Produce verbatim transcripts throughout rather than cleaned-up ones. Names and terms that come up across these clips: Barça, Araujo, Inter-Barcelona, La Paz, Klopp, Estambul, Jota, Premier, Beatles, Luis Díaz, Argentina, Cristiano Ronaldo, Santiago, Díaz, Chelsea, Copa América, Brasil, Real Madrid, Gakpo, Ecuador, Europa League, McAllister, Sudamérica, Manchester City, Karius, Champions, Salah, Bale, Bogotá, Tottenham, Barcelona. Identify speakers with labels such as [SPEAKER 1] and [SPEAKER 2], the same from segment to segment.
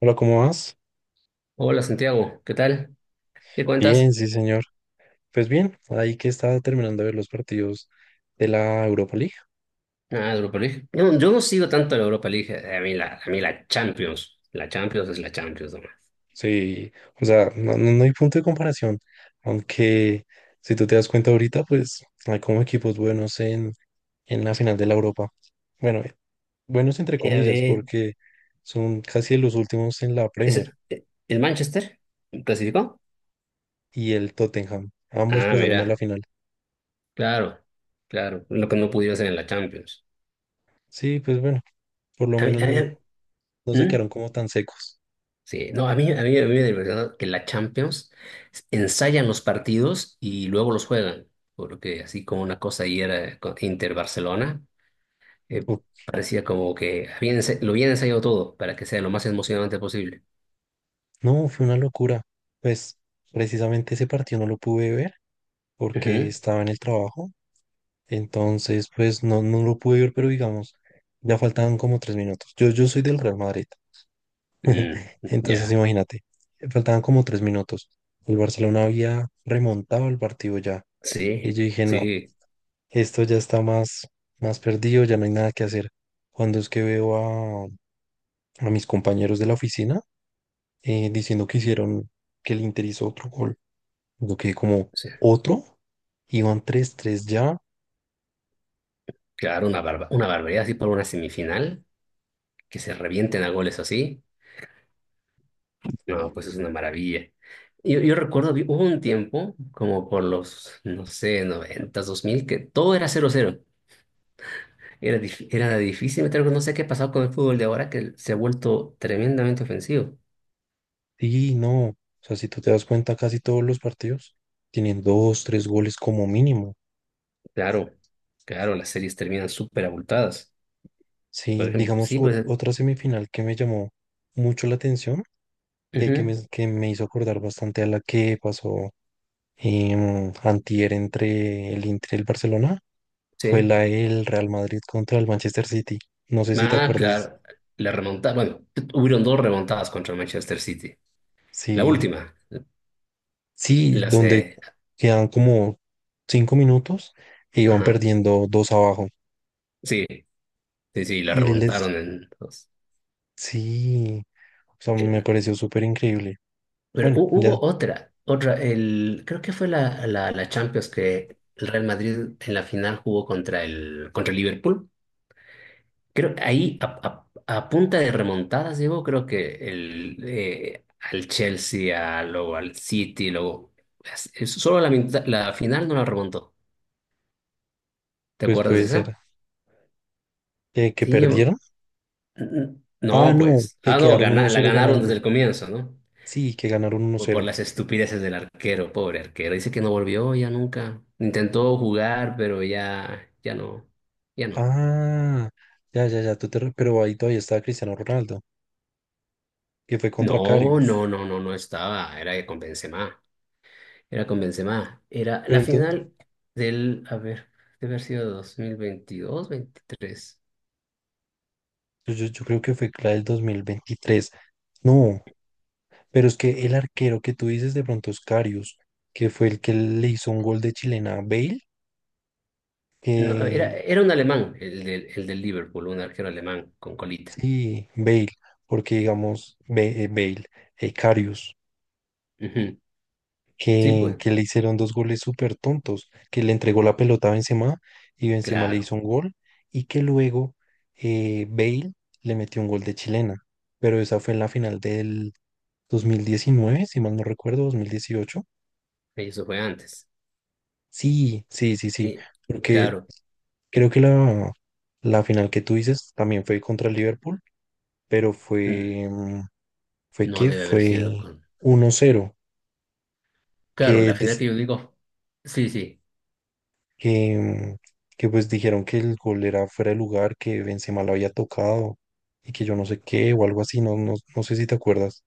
[SPEAKER 1] Hola, ¿cómo vas?
[SPEAKER 2] Hola Santiago, ¿qué tal? ¿Qué
[SPEAKER 1] Bien,
[SPEAKER 2] cuentas?
[SPEAKER 1] sí, señor. Pues bien, ahí que estaba terminando de ver los partidos de la Europa League.
[SPEAKER 2] Nada, Europa League. No, yo no sigo tanto la Europa League. eh, A mí la, a mí la Champions. La Champions es la Champions nomás.
[SPEAKER 1] Sí, o sea, no, no- no hay punto de comparación. Aunque, si tú te das cuenta ahorita, pues hay como equipos buenos en, en la final de la Europa. Bueno, eh, buenos entre
[SPEAKER 2] Eh, a
[SPEAKER 1] comillas,
[SPEAKER 2] ver,
[SPEAKER 1] porque son casi los últimos en la Premier
[SPEAKER 2] ¿es- eh, ¿el Manchester clasificó?
[SPEAKER 1] y el Tottenham. Ambos
[SPEAKER 2] Ah,
[SPEAKER 1] pasaron a la
[SPEAKER 2] mira,
[SPEAKER 1] final.
[SPEAKER 2] claro, claro. Lo que no pudieron hacer en la Champions.
[SPEAKER 1] Sí, pues bueno, por lo
[SPEAKER 2] A mí,
[SPEAKER 1] menos
[SPEAKER 2] a
[SPEAKER 1] no,
[SPEAKER 2] mí-
[SPEAKER 1] no se
[SPEAKER 2] ¿Mm?
[SPEAKER 1] quedaron como tan secos.
[SPEAKER 2] Sí, no, a mí, a mí, a mí me divertido que la Champions ensayan los partidos y luego los juegan. Porque así como una cosa ahí era con Inter-Barcelona. eh, Parecía como que había ense- lo había ensayado todo para que sea lo más emocionante posible.
[SPEAKER 1] No, fue una locura. Pues precisamente ese partido no lo pude ver porque
[SPEAKER 2] Ujú.
[SPEAKER 1] estaba en el trabajo. Entonces, pues no, no lo pude ver, pero digamos, ya faltaban como tres minutos. Yo, yo soy del Real Madrid.
[SPEAKER 2] Mm,
[SPEAKER 1] Entonces,
[SPEAKER 2] ya,
[SPEAKER 1] imagínate, faltaban como tres minutos. El Barcelona había remontado el partido ya. Y
[SPEAKER 2] sí,
[SPEAKER 1] yo dije, no,
[SPEAKER 2] sí,
[SPEAKER 1] esto ya está más, más, perdido, ya no hay nada que hacer. Cuando es que veo a, a mis compañeros de la oficina eh, diciendo que hicieron, que el Inter hizo otro gol. Yo quedé como
[SPEAKER 2] sí.
[SPEAKER 1] otro, iban tres tres ya,
[SPEAKER 2] Claro, una barba, una barbaridad así por una semifinal, que se revienten a goles así, no, pues es una maravilla. Yo, yo recuerdo, vi- hubo un tiempo, como por los, no sé, noventas dos mil, que todo era cero cero. Era, dif- era difícil meter gol. No sé qué ha pasado con el fútbol de ahora, que se ha vuelto tremendamente ofensivo.
[SPEAKER 1] y no, o sea, si tú te das cuenta, casi todos los partidos tienen dos, tres goles como mínimo.
[SPEAKER 2] Claro, claro, las series terminan súper abultadas. Por
[SPEAKER 1] Sí,
[SPEAKER 2] ejemplo,
[SPEAKER 1] digamos,
[SPEAKER 2] sí,
[SPEAKER 1] ot-
[SPEAKER 2] pues,
[SPEAKER 1] otra semifinal que me llamó mucho la atención, que, que,
[SPEAKER 2] ujú,
[SPEAKER 1] me, que me hizo acordar bastante a la que pasó en antier entre el Inter y el Barcelona, fue
[SPEAKER 2] sí.
[SPEAKER 1] la del Real Madrid contra el Manchester City. No sé si te
[SPEAKER 2] Ah,
[SPEAKER 1] acuerdas,
[SPEAKER 2] claro, la remontada, bueno, hubieron dos remontadas contra Manchester City. La
[SPEAKER 1] sí.
[SPEAKER 2] última,
[SPEAKER 1] Sí,
[SPEAKER 2] la
[SPEAKER 1] donde
[SPEAKER 2] se,
[SPEAKER 1] quedan como cinco minutos e iban
[SPEAKER 2] ajá,
[SPEAKER 1] perdiendo dos abajo.
[SPEAKER 2] sí, sí, sí, la
[SPEAKER 1] Y les,
[SPEAKER 2] remontaron en dos.
[SPEAKER 1] sí, o sea, me
[SPEAKER 2] En-
[SPEAKER 1] pareció súper increíble.
[SPEAKER 2] Pero
[SPEAKER 1] Bueno,
[SPEAKER 2] hu-
[SPEAKER 1] ya,
[SPEAKER 2] hubo otra, otra, el, creo que fue la, la, la Champions que el Real Madrid en la final jugó contra el, contra el Liverpool. Creo que ahí a, a- a punta de remontadas llegó, creo que el, eh, al Chelsea, a- luego al City, luego es- es- solo la, mitad- la final no la remontó. ¿Te
[SPEAKER 1] pues
[SPEAKER 2] acuerdas de
[SPEAKER 1] puede ser.
[SPEAKER 2] esa?
[SPEAKER 1] Eh, ¿que
[SPEAKER 2] Sí,
[SPEAKER 1] perdieron?
[SPEAKER 2] yo- n-
[SPEAKER 1] Ah,
[SPEAKER 2] no,
[SPEAKER 1] no,
[SPEAKER 2] pues.
[SPEAKER 1] que
[SPEAKER 2] Ah, no,
[SPEAKER 1] quedaron uno
[SPEAKER 2] gana- la
[SPEAKER 1] cero
[SPEAKER 2] ganaron
[SPEAKER 1] ganando.
[SPEAKER 2] desde el comienzo, ¿no?
[SPEAKER 1] Sí, que ganaron uno
[SPEAKER 2] Por, por
[SPEAKER 1] cero.
[SPEAKER 2] las estupideces del arquero, pobre arquero. Dice que no volvió ya nunca. Intentó jugar, pero ya, ya no, ya no.
[SPEAKER 1] Ah, ya, ya, ya, tú te re- pero ahí todavía estaba Cristiano Ronaldo, que fue contra
[SPEAKER 2] No,
[SPEAKER 1] Karius.
[SPEAKER 2] no, no, no, no estaba, era con Benzema. Era con Benzema. Era
[SPEAKER 1] Pero
[SPEAKER 2] la
[SPEAKER 1] entonces,
[SPEAKER 2] final del, a ver, debe haber sido dos mil veintidós, veintitrés.
[SPEAKER 1] yo, yo yo creo que fue la del dos mil veintitrés. No, pero es que el arquero que tú dices de pronto es Karius, que fue el que le hizo un gol de chilena a Bale,
[SPEAKER 2] No, era,
[SPEAKER 1] que
[SPEAKER 2] era un alemán, el del, el del Liverpool, un arquero alemán con colita.
[SPEAKER 1] sí, Bale, porque digamos Be- eh, Bale, eh, Karius,
[SPEAKER 2] Ujú. Sí,
[SPEAKER 1] que,
[SPEAKER 2] pues,
[SPEAKER 1] que le hicieron dos goles súper tontos, que le entregó la pelota a Benzema y Benzema le
[SPEAKER 2] claro,
[SPEAKER 1] hizo un gol y que luego eh, Bale le metió un gol de chilena, pero esa fue en la final del dos mil diecinueve si mal no recuerdo, dos mil dieciocho.
[SPEAKER 2] eso fue antes.
[SPEAKER 1] Sí, sí, sí, sí.
[SPEAKER 2] Y
[SPEAKER 1] Porque
[SPEAKER 2] claro,
[SPEAKER 1] Creo que la, la final que tú dices también fue contra el Liverpool, pero
[SPEAKER 2] mm,
[SPEAKER 1] fue, mm, fue
[SPEAKER 2] no
[SPEAKER 1] que
[SPEAKER 2] debe haber sido
[SPEAKER 1] fue
[SPEAKER 2] con...
[SPEAKER 1] uno cero
[SPEAKER 2] Claro,
[SPEAKER 1] que,
[SPEAKER 2] la final
[SPEAKER 1] des-
[SPEAKER 2] que yo digo, sí, sí,
[SPEAKER 1] que, mm, que pues dijeron que el gol era fuera de lugar, que Benzema lo había tocado y que yo no sé qué o algo así, no, no, no sé si te acuerdas.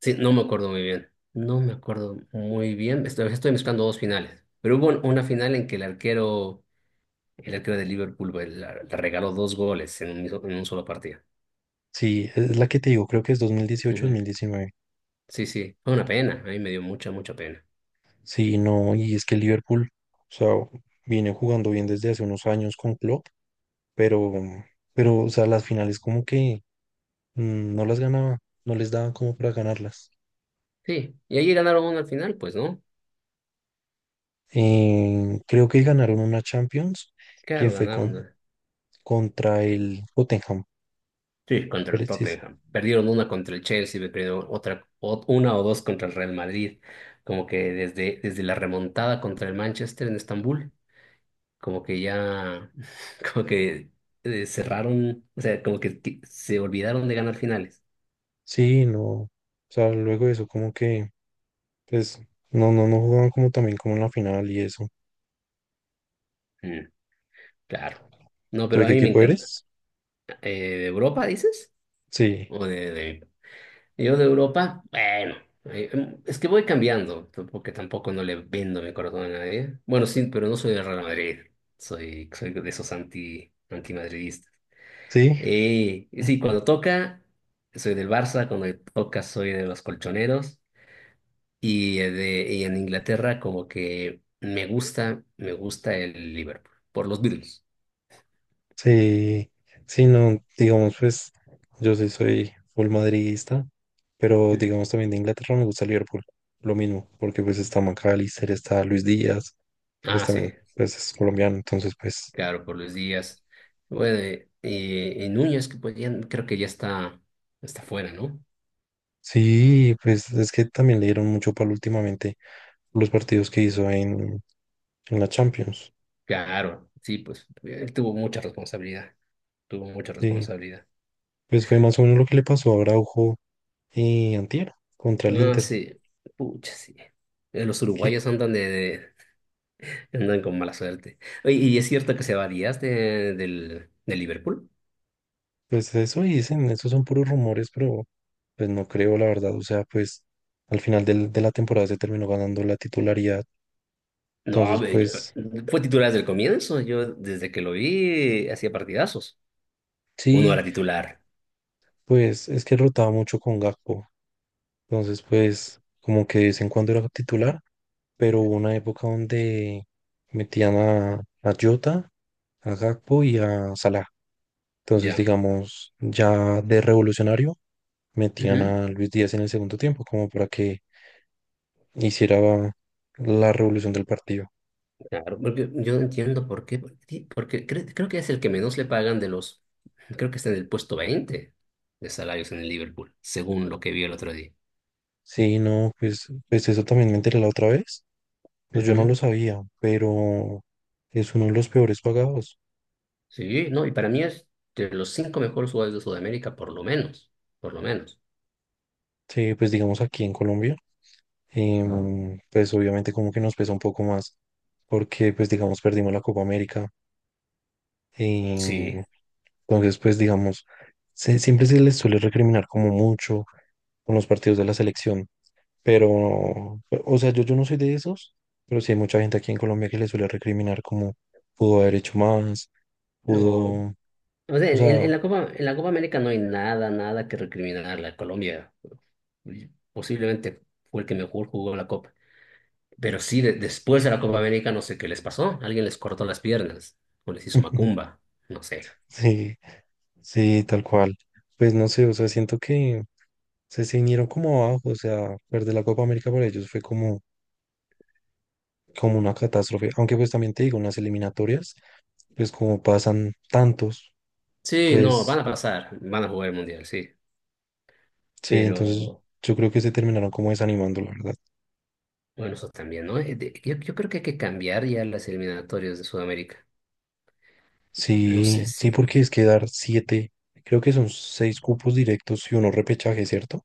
[SPEAKER 2] sí, no me acuerdo muy bien. No me acuerdo muy bien, estoy, estoy mezclando dos finales. Pero hubo un- una final en que el arquero. El arquero de Liverpool güey, la- le regaló dos goles en un, miso- en un solo partido.
[SPEAKER 1] Sí, es la que te digo, creo que es dos dos mil dieciocho
[SPEAKER 2] Ujú.
[SPEAKER 1] mil diecinueve.
[SPEAKER 2] Sí, sí, fue una pena. A mí me dio mucha, mucha pena.
[SPEAKER 1] Sí, no, y es que el Liverpool, o sea, viene jugando bien desde hace unos años con Klopp, pero, pero, o sea, las finales como que mm, no las ganaba, no les daban como para ganarlas.
[SPEAKER 2] Sí, y allí ganaron una al final, pues, ¿no?
[SPEAKER 1] Eh, creo que ganaron una Champions que
[SPEAKER 2] Claro,
[SPEAKER 1] fue
[SPEAKER 2] ganaron
[SPEAKER 1] con,
[SPEAKER 2] una.
[SPEAKER 1] contra el Tottenham,
[SPEAKER 2] Sí, contra el
[SPEAKER 1] preciso.
[SPEAKER 2] Tottenham. Perdieron una contra el Chelsea, me perdieron otra, o- una o dos contra el Real Madrid. Como que desde, desde la remontada contra el Manchester en Estambul, como que ya, como que eh, cerraron, o sea, como que, que se olvidaron de ganar finales.
[SPEAKER 1] Sí, no, o sea, luego de eso como que, pues, no, no, no jugaban como también como en la final y eso.
[SPEAKER 2] Mm, claro. No,
[SPEAKER 1] ¿Tú
[SPEAKER 2] pero
[SPEAKER 1] de
[SPEAKER 2] a
[SPEAKER 1] qué
[SPEAKER 2] mí me
[SPEAKER 1] equipo
[SPEAKER 2] encanta.
[SPEAKER 1] eres?
[SPEAKER 2] Eh, ¿de Europa, dices?
[SPEAKER 1] Sí,
[SPEAKER 2] ¿O de, de- Yo de Europa, bueno, eh, em, es que voy cambiando, t- porque tampoco no le vendo mi corazón a nadie. Bueno, sí, pero no soy del Real Madrid, soy, soy de esos anti, antimadridistas.
[SPEAKER 1] sí,
[SPEAKER 2] Eh, y sí, cuando toca, soy del Barça, cuando toca, soy de los colchoneros. Y, eh, de, y en Inglaterra, como que me gusta, me gusta el Liverpool, por los Beatles.
[SPEAKER 1] sí, sí, no, digamos, pues yo sí soy full madridista, pero digamos también de Inglaterra me gusta Liverpool, lo mismo, porque pues está McAllister, está Luis Díaz, que pues
[SPEAKER 2] Ah, sí.
[SPEAKER 1] también pues, es colombiano, entonces pues
[SPEAKER 2] Claro, por los días. Bueno, eh, eh, Núñez, que podían, creo que ya está, está fuera, ¿no?
[SPEAKER 1] sí, pues es que también le dieron mucho palo últimamente los partidos que hizo en, en, la Champions,
[SPEAKER 2] Claro, sí, pues él tuvo mucha responsabilidad, tuvo mucha
[SPEAKER 1] sí,
[SPEAKER 2] responsabilidad.
[SPEAKER 1] pues fue más o menos lo que le pasó a Araujo y Antier contra el
[SPEAKER 2] Ah,
[SPEAKER 1] Inter.
[SPEAKER 2] sí, pucha, sí. Eh, los uruguayos andan de, de- andan con mala suerte. Oye, ¿y es cierto que se va Díaz de, del, de Liverpool?
[SPEAKER 1] Pues eso dicen, esos son puros rumores, pero pues no creo, la verdad. O sea, pues al final del- de la temporada se terminó ganando la titularidad.
[SPEAKER 2] No, a
[SPEAKER 1] Entonces,
[SPEAKER 2] ver, yo-
[SPEAKER 1] pues
[SPEAKER 2] Fue titular desde el comienzo, yo desde que lo vi hacía partidazos. Uno
[SPEAKER 1] sí,
[SPEAKER 2] era titular,
[SPEAKER 1] pues es que rotaba mucho con Gakpo. Entonces, pues como que de vez en cuando era titular, pero hubo una época donde metían a, a Jota, a Gakpo y a Salah. Entonces,
[SPEAKER 2] ya.
[SPEAKER 1] digamos, ya de revolucionario, metían a Luis Díaz en el segundo tiempo, como para que hiciera la revolución del partido.
[SPEAKER 2] Claro, porque yo no entiendo por qué, por porque creo, creo que es el que menos le pagan de los, creo que está en el puesto veinte de salarios en el Liverpool, según lo que vi el otro día.
[SPEAKER 1] Sí, no, pues, pues eso también me enteré la otra vez. Pues yo no lo
[SPEAKER 2] Ujú.
[SPEAKER 1] sabía, pero es uno de los peores pagados.
[SPEAKER 2] Sí, no, y para mí es de los cinco mejores jugadores de Sudamérica, por lo menos, por lo menos.
[SPEAKER 1] Sí, pues digamos aquí en Colombia, em, pues obviamente como que nos pesa un poco más, porque pues digamos perdimos la Copa América.
[SPEAKER 2] Sí,
[SPEAKER 1] em, entonces, pues digamos, se- siempre se les suele recriminar como mucho con los partidos de la selección, pero, o sea, yo, yo no soy de esos, pero sí hay mucha gente aquí en Colombia que le suele recriminar como pudo haber hecho más,
[SPEAKER 2] no,
[SPEAKER 1] pudo.
[SPEAKER 2] o sea,
[SPEAKER 1] O
[SPEAKER 2] en,
[SPEAKER 1] sea,
[SPEAKER 2] en la Copa, en la Copa América no hay nada, nada que recriminarle a Colombia. Posiblemente fue el que mejor jugó la Copa. Pero sí, de- después de la Copa América no sé qué les pasó. Alguien les cortó las piernas o les hizo macumba. No sé.
[SPEAKER 1] sí, sí, tal cual. Pues no sé, o sea, siento que se, se vinieron como abajo, o sea, perder la Copa América para ellos fue como, como, una catástrofe. Aunque pues también te digo, en las eliminatorias, pues como pasan tantos,
[SPEAKER 2] Sí, no, van
[SPEAKER 1] pues
[SPEAKER 2] a pasar, van a jugar el Mundial, sí.
[SPEAKER 1] sí, entonces
[SPEAKER 2] Pero
[SPEAKER 1] yo creo que se terminaron como desanimando, la verdad.
[SPEAKER 2] bueno, eso también, ¿no? Eh, de- Yo, yo creo que hay que cambiar ya las eliminatorias de Sudamérica. No sé
[SPEAKER 1] Sí, sí,
[SPEAKER 2] si...
[SPEAKER 1] porque es que dar siete, creo que son seis cupos directos y uno repechaje, ¿cierto?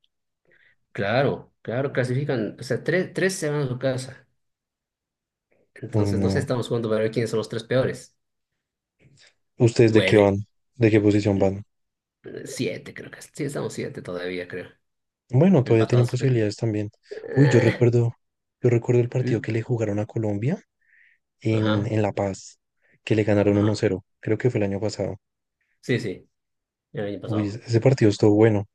[SPEAKER 2] Claro, claro, clasifican. O sea, tres, tres se van a su casa.
[SPEAKER 1] Uy,
[SPEAKER 2] Entonces, no sé,
[SPEAKER 1] no.
[SPEAKER 2] estamos jugando para ver quiénes son los tres peores.
[SPEAKER 1] ¿Ustedes de qué
[SPEAKER 2] Bueno, eh,
[SPEAKER 1] van? ¿De qué posición van?
[SPEAKER 2] siete creo que. Sí, estamos siete todavía, creo.
[SPEAKER 1] Bueno, todavía tienen
[SPEAKER 2] Empatados. eh,
[SPEAKER 1] posibilidades también. Uy, yo
[SPEAKER 2] eh,
[SPEAKER 1] recuerdo, yo recuerdo el partido
[SPEAKER 2] ¿Mm?
[SPEAKER 1] que le jugaron a Colombia en,
[SPEAKER 2] Ajá,
[SPEAKER 1] en La Paz, que le ganaron uno
[SPEAKER 2] ajá.
[SPEAKER 1] cero. Creo que fue el año pasado.
[SPEAKER 2] Sí, sí. El año
[SPEAKER 1] Uy, ese
[SPEAKER 2] pasado.
[SPEAKER 1] ese partido estuvo bueno.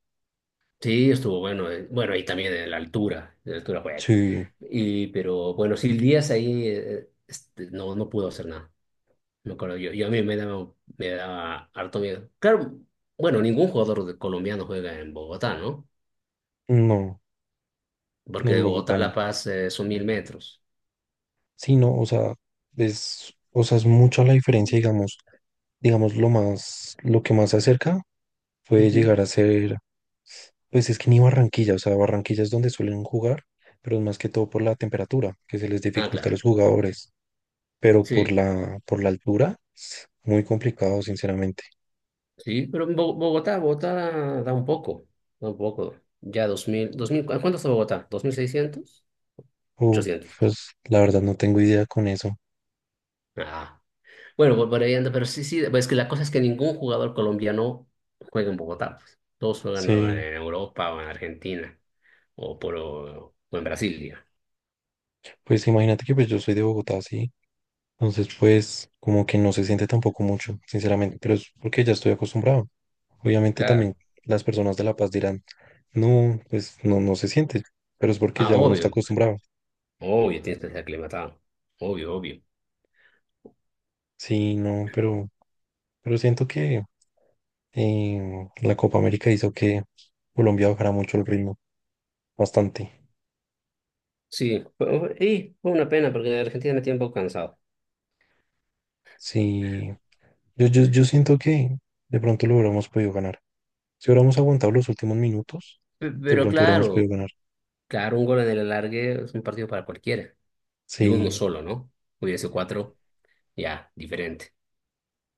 [SPEAKER 2] Sí, estuvo bueno. eh, Bueno, y también en la altura, en la altura juega.
[SPEAKER 1] Sí,
[SPEAKER 2] Y, pero bueno, sí, el Díaz ahí eh, este, no, no pudo hacer nada. Me acuerdo yo. Yo a mí me daba, me daba harto miedo. Claro, bueno, ningún jugador de- colombiano juega en Bogotá, ¿no?
[SPEAKER 1] no, no
[SPEAKER 2] Porque
[SPEAKER 1] en
[SPEAKER 2] de Bogotá
[SPEAKER 1] Bogotá
[SPEAKER 2] a La
[SPEAKER 1] no.
[SPEAKER 2] Paz eh, son mil metros.
[SPEAKER 1] Sí, no, o sea, es, o sea, es mucha la diferencia, digamos, digamos, lo más, lo que más se acerca puede
[SPEAKER 2] Ujú.
[SPEAKER 1] llegar a ser, pues es que ni Barranquilla, o sea, Barranquilla es donde suelen jugar, pero es más que todo por la temperatura, que se les
[SPEAKER 2] Ah,
[SPEAKER 1] dificulta a
[SPEAKER 2] claro.
[SPEAKER 1] los jugadores. Pero por
[SPEAKER 2] Sí,
[SPEAKER 1] la, por la altura, muy complicado, sinceramente.
[SPEAKER 2] sí, pero en Bo- Bogotá, Bogotá da un poco, da un poco. Ya dos mil, dos mil, ¿cu- ¿cuánto está Bogotá? ¿Dos mil seiscientos?
[SPEAKER 1] Uh,
[SPEAKER 2] Ochocientos.
[SPEAKER 1] pues la verdad no tengo idea con eso.
[SPEAKER 2] Ah. Bueno, vol- volviendo, pero sí, sí, pues que la cosa es que ningún jugador colombiano juega en Bogotá, pues. Todos juegan
[SPEAKER 1] Sí,
[SPEAKER 2] en Europa o en Argentina o, por, o en Brasil, diga.
[SPEAKER 1] pues imagínate que pues yo soy de Bogotá, sí. Entonces, pues como que no se siente tampoco mucho, sinceramente, pero es porque ya estoy acostumbrado. Obviamente
[SPEAKER 2] Claro.
[SPEAKER 1] también las personas de La Paz dirán, no, pues no, no se siente, pero es porque
[SPEAKER 2] Ah,
[SPEAKER 1] ya uno está
[SPEAKER 2] obvio,
[SPEAKER 1] acostumbrado.
[SPEAKER 2] obvio, tienes que ser aclimatado. Obvio, obvio.
[SPEAKER 1] Sí, no, pero, pero siento que eh, la Copa América hizo que Colombia bajara mucho el ritmo, bastante.
[SPEAKER 2] Sí, fue- y fue una pena porque Argentina me tiene un poco cansado.
[SPEAKER 1] Sí, Yo, yo, yo siento que de pronto lo hubiéramos podido ganar. Si hubiéramos aguantado los últimos minutos,
[SPEAKER 2] Pe-
[SPEAKER 1] de
[SPEAKER 2] Pero
[SPEAKER 1] pronto hubiéramos podido
[SPEAKER 2] claro,
[SPEAKER 1] ganar.
[SPEAKER 2] claro, un gol en el alargue es un partido para cualquiera. Y uno
[SPEAKER 1] Sí,
[SPEAKER 2] solo, ¿no? Hubiese cuatro, ya, diferente.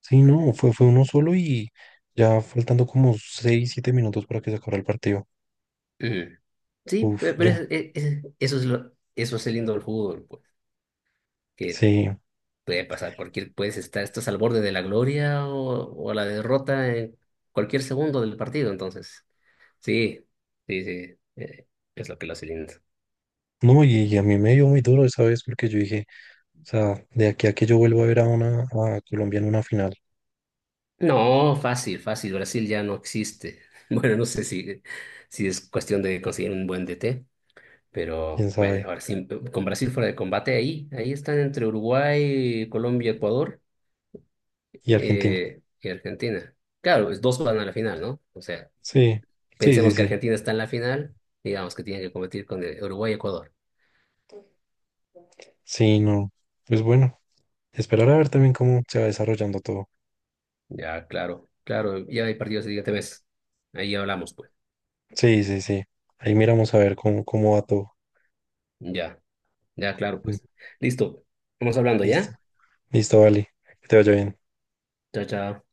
[SPEAKER 1] sí, no, fue, fue uno solo y ya faltando como seis siete minutos para que se acabara el partido.
[SPEAKER 2] Ujú. Sí,
[SPEAKER 1] Uf,
[SPEAKER 2] pe- pero
[SPEAKER 1] ya,
[SPEAKER 2] es- es- es- eso es lo, eso es el lindo del fútbol, pues. Que
[SPEAKER 1] sí.
[SPEAKER 2] puede pasar cualquier, puedes estar, estás al borde de la gloria o, o la derrota en cualquier segundo del partido, entonces. Sí, sí, sí, eh, es lo que lo hace lindo.
[SPEAKER 1] No, y, y a mí me dio muy duro esa vez porque yo dije, o sea, de aquí a que yo vuelva a ver a una a Colombia en una final,
[SPEAKER 2] No, fácil, fácil, Brasil ya no existe. Bueno, no sé si, si es cuestión de conseguir un buen D T,
[SPEAKER 1] quién
[SPEAKER 2] pero bueno,
[SPEAKER 1] sabe,
[SPEAKER 2] ahora sí, con Brasil fuera de combate, ahí, ahí están entre Uruguay, Colombia, Ecuador
[SPEAKER 1] y Argentina.
[SPEAKER 2] eh, y Argentina. Claro, pues, dos van a la final, ¿no? O sea,
[SPEAKER 1] Sí, sí,
[SPEAKER 2] pensemos
[SPEAKER 1] sí,
[SPEAKER 2] que
[SPEAKER 1] sí.
[SPEAKER 2] Argentina está en la final, digamos que tiene que competir con eh, Uruguay y Ecuador.
[SPEAKER 1] Sí, no. Pues bueno, esperar a ver también cómo se va desarrollando todo.
[SPEAKER 2] Ya, claro, claro, ya hay partidos el siguiente mes. Ahí hablamos, pues.
[SPEAKER 1] Sí, sí, sí. Ahí miramos a ver cómo, cómo, va todo.
[SPEAKER 2] Ya, ya, claro,
[SPEAKER 1] Mm,
[SPEAKER 2] pues. Listo, vamos hablando,
[SPEAKER 1] listo.
[SPEAKER 2] ¿ya?
[SPEAKER 1] Listo, vale. Que te vaya bien.
[SPEAKER 2] Chao, chao.